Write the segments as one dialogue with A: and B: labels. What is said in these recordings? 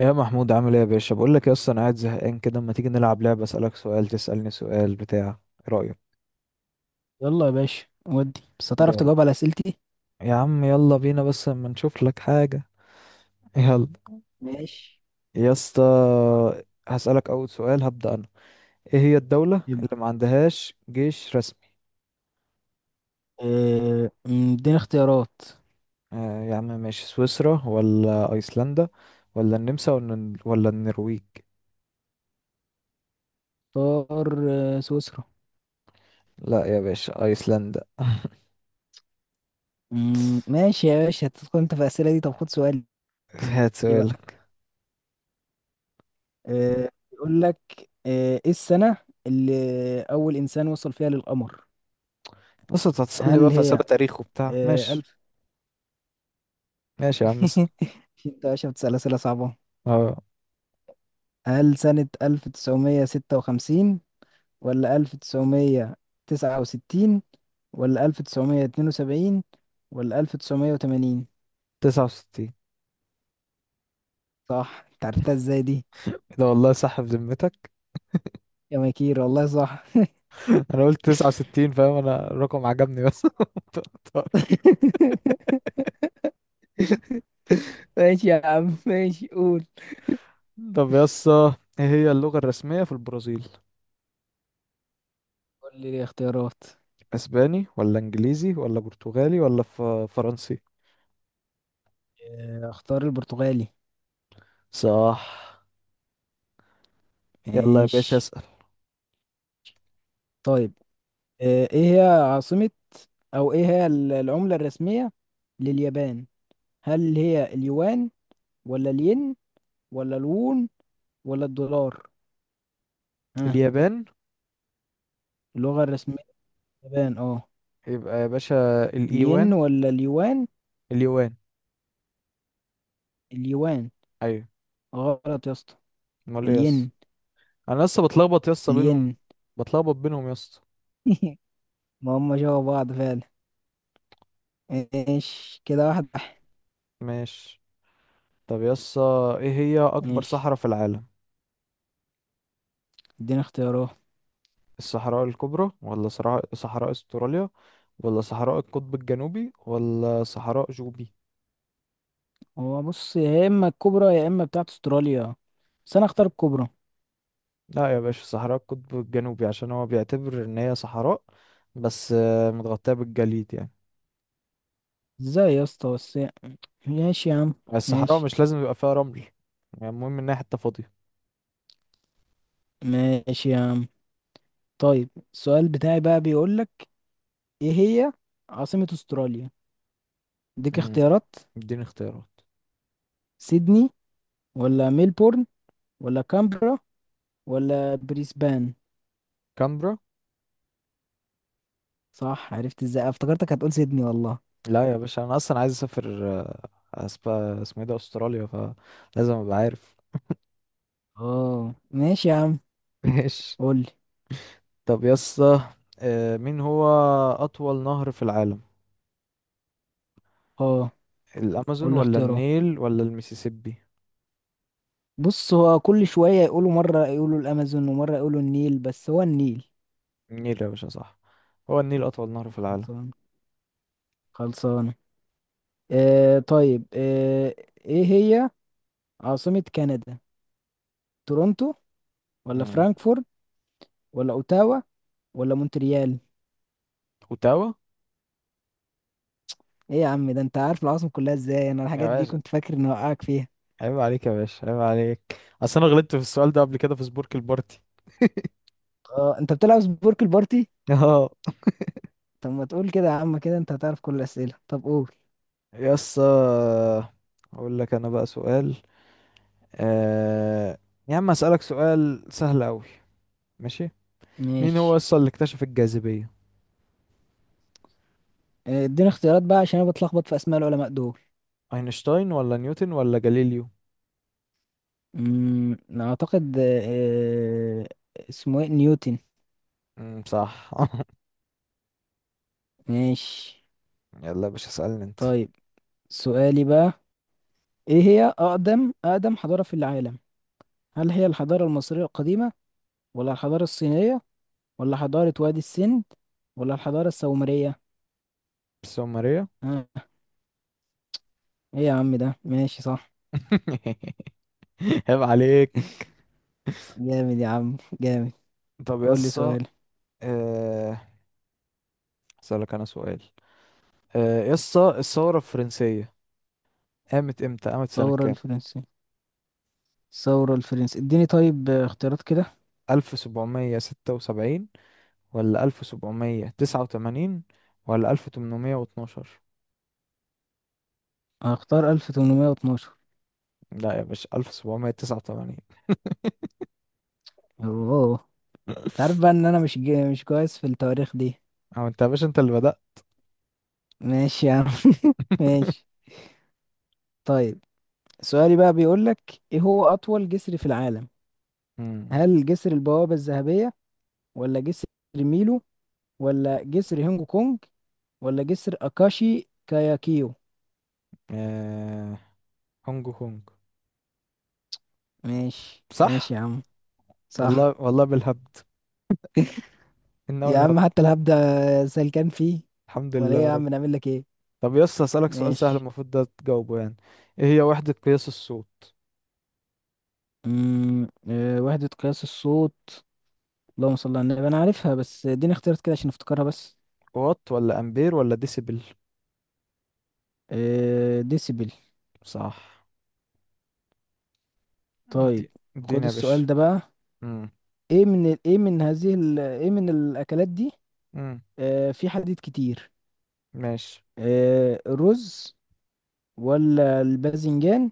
A: يا محمود، عامل ايه يا باشا؟ بقول لك يا اسطى، انا قاعد زهقان كده. اما تيجي نلعب لعبه اسالك سؤال تسالني سؤال بتاع. ايه رايك؟
B: يلا يا باشا، ودي بس هتعرف
A: يلا
B: تجاوب على اسئلتي؟
A: يا عم، يلا بينا بس اما نشوف لك حاجه. يلا
B: ماشي.
A: يا اسطى.
B: طيب.
A: هسالك اول سؤال، هبدا انا. ايه هي الدوله
B: يبدأ.
A: اللي ما عندهاش جيش رسمي؟
B: آه، أمم، اديني اختيارات.
A: آه يا عم ماشي، سويسرا ولا ايسلندا ولا النمسا ولا النرويج؟
B: اختار سويسرا.
A: لا يا باشا، ايسلندا.
B: ماشي يا باشا، هتدخل انت في الاسئله دي. طب خد سؤالي
A: هات
B: بقى.
A: سؤالك.
B: يقول لك ايه السنه اللي اول انسان وصل فيها للقمر؟
A: بص، انت هتسالني بقى
B: هل
A: في اسئله
B: هي
A: تاريخ وبتاع؟ ماشي.
B: الف.
A: ماشي يا عم اسال.
B: انت يا باشا بتسال اسئله صعبه.
A: اه،
B: هل سنه 1956، ولا ألف تسعمية تسعة وستين، ولا ألف تسعمية اتنين وسبعين، ولا ألف تسعمية وتمانين؟
A: 69.
B: صح، انت عرفتها ازاي دي؟
A: ده والله صح بذمتك؟
B: يا مكير، والله صح.
A: انا قلت 69 فاهم، انا الرقم عجبني بس.
B: ماشي يا عم، ماشي، قول.
A: طب يسا، ايه هي اللغة الرسمية في البرازيل؟
B: قول لي الاختيارات.
A: اسباني ولا انجليزي ولا برتغالي ولا فرنسي؟
B: اختار البرتغالي.
A: صح. يلا يا باشا
B: ماشي.
A: اسأل.
B: طيب، ايه هي عاصمة، او ايه هي العملة الرسمية لليابان؟ هل هي اليوان، ولا الين، ولا الوون، ولا الدولار؟ ها؟
A: اليابان،
B: اللغة الرسمية اليابان، اه.
A: يبقى يا باشا
B: الين
A: الايوان.
B: ولا اليوان؟
A: اليوان.
B: اليوان.
A: ايوه.
B: غلط يا اسطى.
A: امال ايه يسا؟
B: الين
A: انا لسه بتلخبط يسا بينهم.
B: الين.
A: بتلخبط بينهم يسا.
B: ما هم جوا بعض فعلا. ايش كده، واحد واحد.
A: ماشي. طب يسا، ايه هي اكبر
B: ماشي.
A: صحراء في العالم؟
B: اديني اختيارات.
A: الصحراء الكبرى ولا صحراء استراليا ولا صحراء القطب الجنوبي ولا صحراء جوبي؟
B: هو بص، يا اما الكبرى يا اما بتاعت استراليا، بس انا اختار الكبرى.
A: لا يا باشا، صحراء القطب الجنوبي عشان هو بيعتبر ان هي صحراء، بس متغطية بالجليد يعني.
B: ازاي يا اسطى بس! ماشي يا عم.
A: الصحراء
B: ماشي
A: مش لازم يبقى فيها رمل، يعني المهم انها حتة فاضية.
B: ماشي يا عم. طيب السؤال بتاعي بقى بيقول لك ايه هي عاصمة استراليا. اديك
A: امم
B: اختيارات:
A: اديني اختيارات.
B: سيدني، ولا ميلبورن، ولا كامبرا، ولا بريسبان؟
A: كامبرا.
B: صح! عرفت ازاي؟ افتكرتك هتقول سيدني والله.
A: لا يا باشا، انا اصلا عايز اسافر، أسب- اسمه ايه ده؟ استراليا، فلازم ابقى عارف.
B: اه ماشي يا عم.
A: ماشي.
B: قول لي
A: طب يا اسطى، مين هو اطول نهر في العالم؟
B: اه
A: الامازون
B: قول لي
A: ولا
B: اختياره.
A: النيل ولا المسيسيبي؟
B: بص، هو كل شوية يقولوا مرة يقولوا الأمازون ومرة يقولوا النيل، بس هو النيل.
A: النيل يا باشا صح. هو النيل اطول نهر في العالم.
B: خلصان. خلصانة. طيب، ايه هي عاصمة كندا؟ تورونتو، ولا
A: امم
B: فرانكفورت، ولا اوتاوا، ولا مونتريال؟
A: اوتاوا.
B: ايه يا عم، ده انت عارف العاصمة كلها ازاي؟ انا
A: يا
B: الحاجات دي
A: باشا
B: كنت فاكر اني اوقعك فيها.
A: عيب عليك، يا باشا عيب عليك. اصل انا غلطت في السؤال ده قبل كده في سبورك البارتي.
B: اه، انت بتلعب سبورك البارتي؟
A: اه.
B: طب ما تقول كده يا عم، كده انت هتعرف كل الأسئلة. طب قول.
A: يس، اقول لك انا بقى سؤال. آه... يا عم، اسالك سؤال سهل قوي. ماشي. مين هو
B: ماشي.
A: اصلا اللي اكتشف الجاذبية؟
B: اديني اختيارات بقى، عشان انا بتلخبط في اسماء العلماء دول.
A: اينشتاين ولا نيوتن ولا جاليليو؟
B: اعتقد آه، آه، اسمه ايه نيوتن.
A: صح.
B: ماشي.
A: يلا يا باشا اسالني انت.
B: طيب سؤالي بقى: ايه هي اقدم حضارة في العالم؟ هل هي الحضارة المصرية القديمة، ولا الحضارة الصينية، ولا حضارة وادي السند، ولا الحضارة السومرية؟
A: بس هو ماريا.
B: ها؟ ايه يا عم ده؟ ماشي، صح.
A: عيب عليك.
B: جامد يا عم، جامد.
A: طب يا
B: قول لي
A: اسطى،
B: سؤال.
A: آه، اسالك انا سؤال. يا اسطى، الثوره الفرنسيه قامت امتى، قامت سنه
B: الثورة
A: كام؟
B: الفرنسية الثورة الفرنسية اديني طيب اختيارات كده.
A: 1776 ولا 1789 ولا 1812؟
B: هختار 1812.
A: لا يا باشا، 1789.
B: اوه. انت عارف بقى ان انا مش كويس في التواريخ دي.
A: او انت يا باشا، انت اللي بدأت.
B: ماشي يا عم. ماشي. طيب سؤالي بقى بيقول لك ايه هو اطول جسر في العالم؟
A: مم.
B: هل جسر البوابة الذهبية، ولا جسر ميلو، ولا جسر هونج كونج، ولا جسر اكاشي كاياكيو؟
A: آه، هونج كونج.
B: ماشي
A: صح.
B: ماشي يا عم. صح.
A: والله والله بالهبد، انه
B: يا عم،
A: الهبد.
B: حتى الهبدة سلكان فيه.
A: الحمد
B: ولا
A: لله
B: ايه
A: يا
B: يا
A: رب.
B: عم، نعمل لك ايه؟
A: طب يس اسالك سؤال سهل،
B: ماشي.
A: المفروض ده تجاوبه يعني. ايه هي وحدة قياس الصوت؟
B: وحدة قياس الصوت. اللهم صل على النبي، انا عارفها، بس اديني اختيارات كده عشان افتكرها بس.
A: وات ولا امبير ولا ديسيبل؟
B: ديسيبل.
A: صح.
B: طيب،
A: دي
B: خد
A: اديني يا باشا.
B: السؤال ده بقى.
A: امم
B: ايه من ال- ايه من هذه ال- ايه من الاكلات دي
A: امم
B: في حديد كتير؟
A: ماشي.
B: الرز، ولا الباذنجان،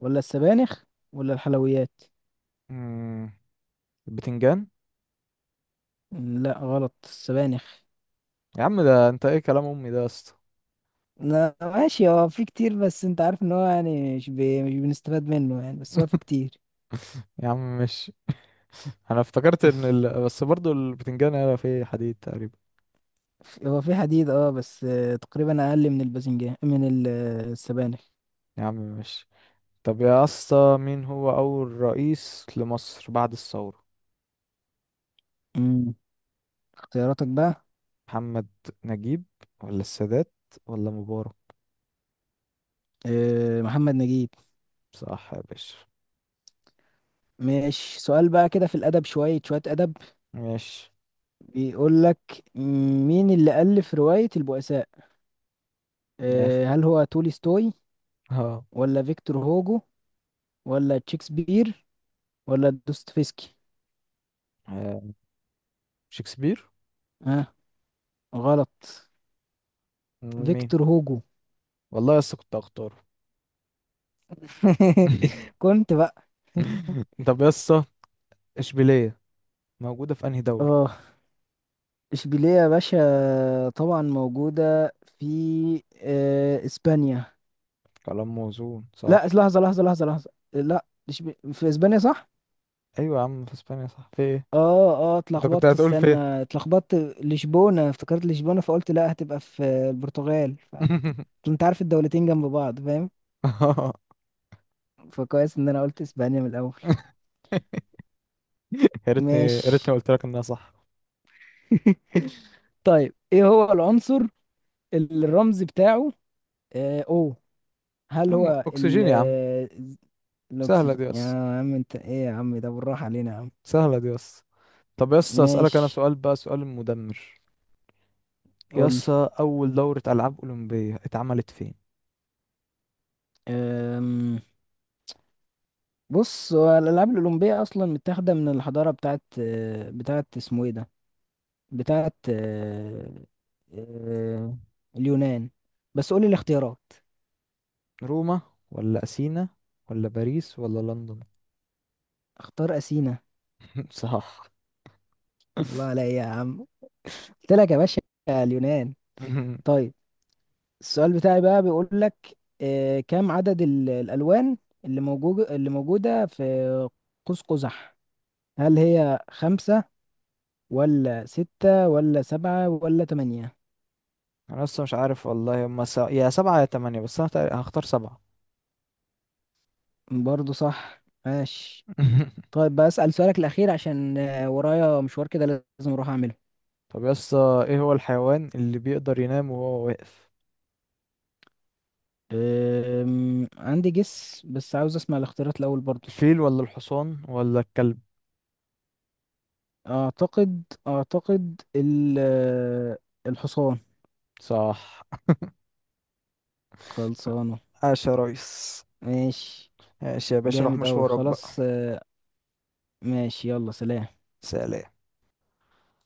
B: ولا السبانخ، ولا الحلويات؟
A: امم البتنجان.
B: لا غلط، السبانخ.
A: يا عم، ده انت ايه كلام امي ده يا اسطى؟
B: لا ماشي، هو في كتير، بس انت عارف ان هو يعني مش بنستفاد منه يعني، بس هو في كتير.
A: يا عم ماشي. انا افتكرت ان بس برضو البتنجان هيبقى فيه حديد تقريبا.
B: هو في حديد اه، بس تقريبا اقل من الباذنجان، من السبانخ.
A: يا عم ماشي. طب يا اسطى، مين هو اول رئيس لمصر بعد الثورة؟
B: امم. اختياراتك بقى؟
A: محمد نجيب ولا السادات ولا مبارك؟
B: محمد نجيب.
A: صح يا باشا.
B: ماشي. سؤال بقى كده في الادب، شويه ادب.
A: ماشي.
B: بيقول لك مين اللي الف روايه البؤساء؟
A: يا اخي
B: هل هو تولستوي،
A: اه،
B: ولا فيكتور هوجو، ولا شكسبير، ولا دوستويفسكي؟
A: آه، شكسبير.
B: ها؟ آه غلط،
A: مين؟
B: فيكتور هوجو.
A: والله يا اسطى كنت هختاره.
B: كنت بقى.
A: طب يا اسطى، اشبيليه موجوده في انهي دوله؟
B: اه، اشبيلية يا باشا طبعا موجودة في اسبانيا.
A: كلام موزون
B: لا،
A: صح؟
B: لحظة، لا. في اسبانيا صح؟
A: ايوه يا عم في اسبانيا، صح في ايه؟
B: اه اه،
A: انت كنت
B: اتلخبطت،
A: هتقول فين؟
B: استنى اتلخبطت. لشبونة، افتكرت لشبونة، فقلت لا هتبقى في البرتغال انت عارف الدولتين جنب بعض، فاهم؟ فكويس ان انا قلت اسبانيا من الاول.
A: يا ريتني يا
B: ماشي.
A: ريتني قلت لك انها صح.
B: طيب، ايه هو العنصر اللي الرمز بتاعه او؟
A: يا
B: هل
A: عم
B: هو
A: اكسجين يا عم. سهله
B: الأكسجين؟
A: دي يس.
B: يا عم، أنت إيه يا عم، ده بالراحة علينا يا عم.
A: سهله دي يس. طب يس، اسالك انا
B: ماشي.
A: سؤال بقى، سؤال مدمر.
B: قولي.
A: يس، اول دوره العاب اولمبيه اتعملت فين؟
B: أم... بص، هو الألعاب الأولمبية أصلا متاخدة من الحضارة بتاعت آه، بتاعت اسمه إيه ده بتاعت آه، آه، اليونان. بس قولي الاختيارات.
A: روما ولا اثينا ولا باريس ولا لندن؟
B: اختار أثينا.
A: صح.
B: الله عليا يا عم. قلت لك يا باشا، اليونان. طيب السؤال بتاعي بقى بيقول لك كم عدد الألوان اللي موجودة في قوس قزح؟ هل هي خمسة، ولا ستة، ولا سبعة، ولا تمانية؟
A: انا لسه مش عارف والله. هما يا سبعة يا تمانية، بس انا هختار سبعة.
B: برضو صح. ماشي. طيب بسأل سؤالك الأخير عشان ورايا مشوار كده لازم أروح أعمله.
A: طب يا اسطى، ايه هو الحيوان اللي بيقدر ينام وهو واقف؟
B: عندي جس، بس عاوز أسمع الاختيارات الأول برضو.
A: الفيل ولا الحصان ولا الكلب؟
B: أعتقد الحصان.
A: صح.
B: خلصانه.
A: عاش يا ريس.
B: ماشي.
A: ماشي يا باشا، روح
B: جامد أوي.
A: مشوارك بقى.
B: خلاص ماشي، يلا سلام.
A: سلام.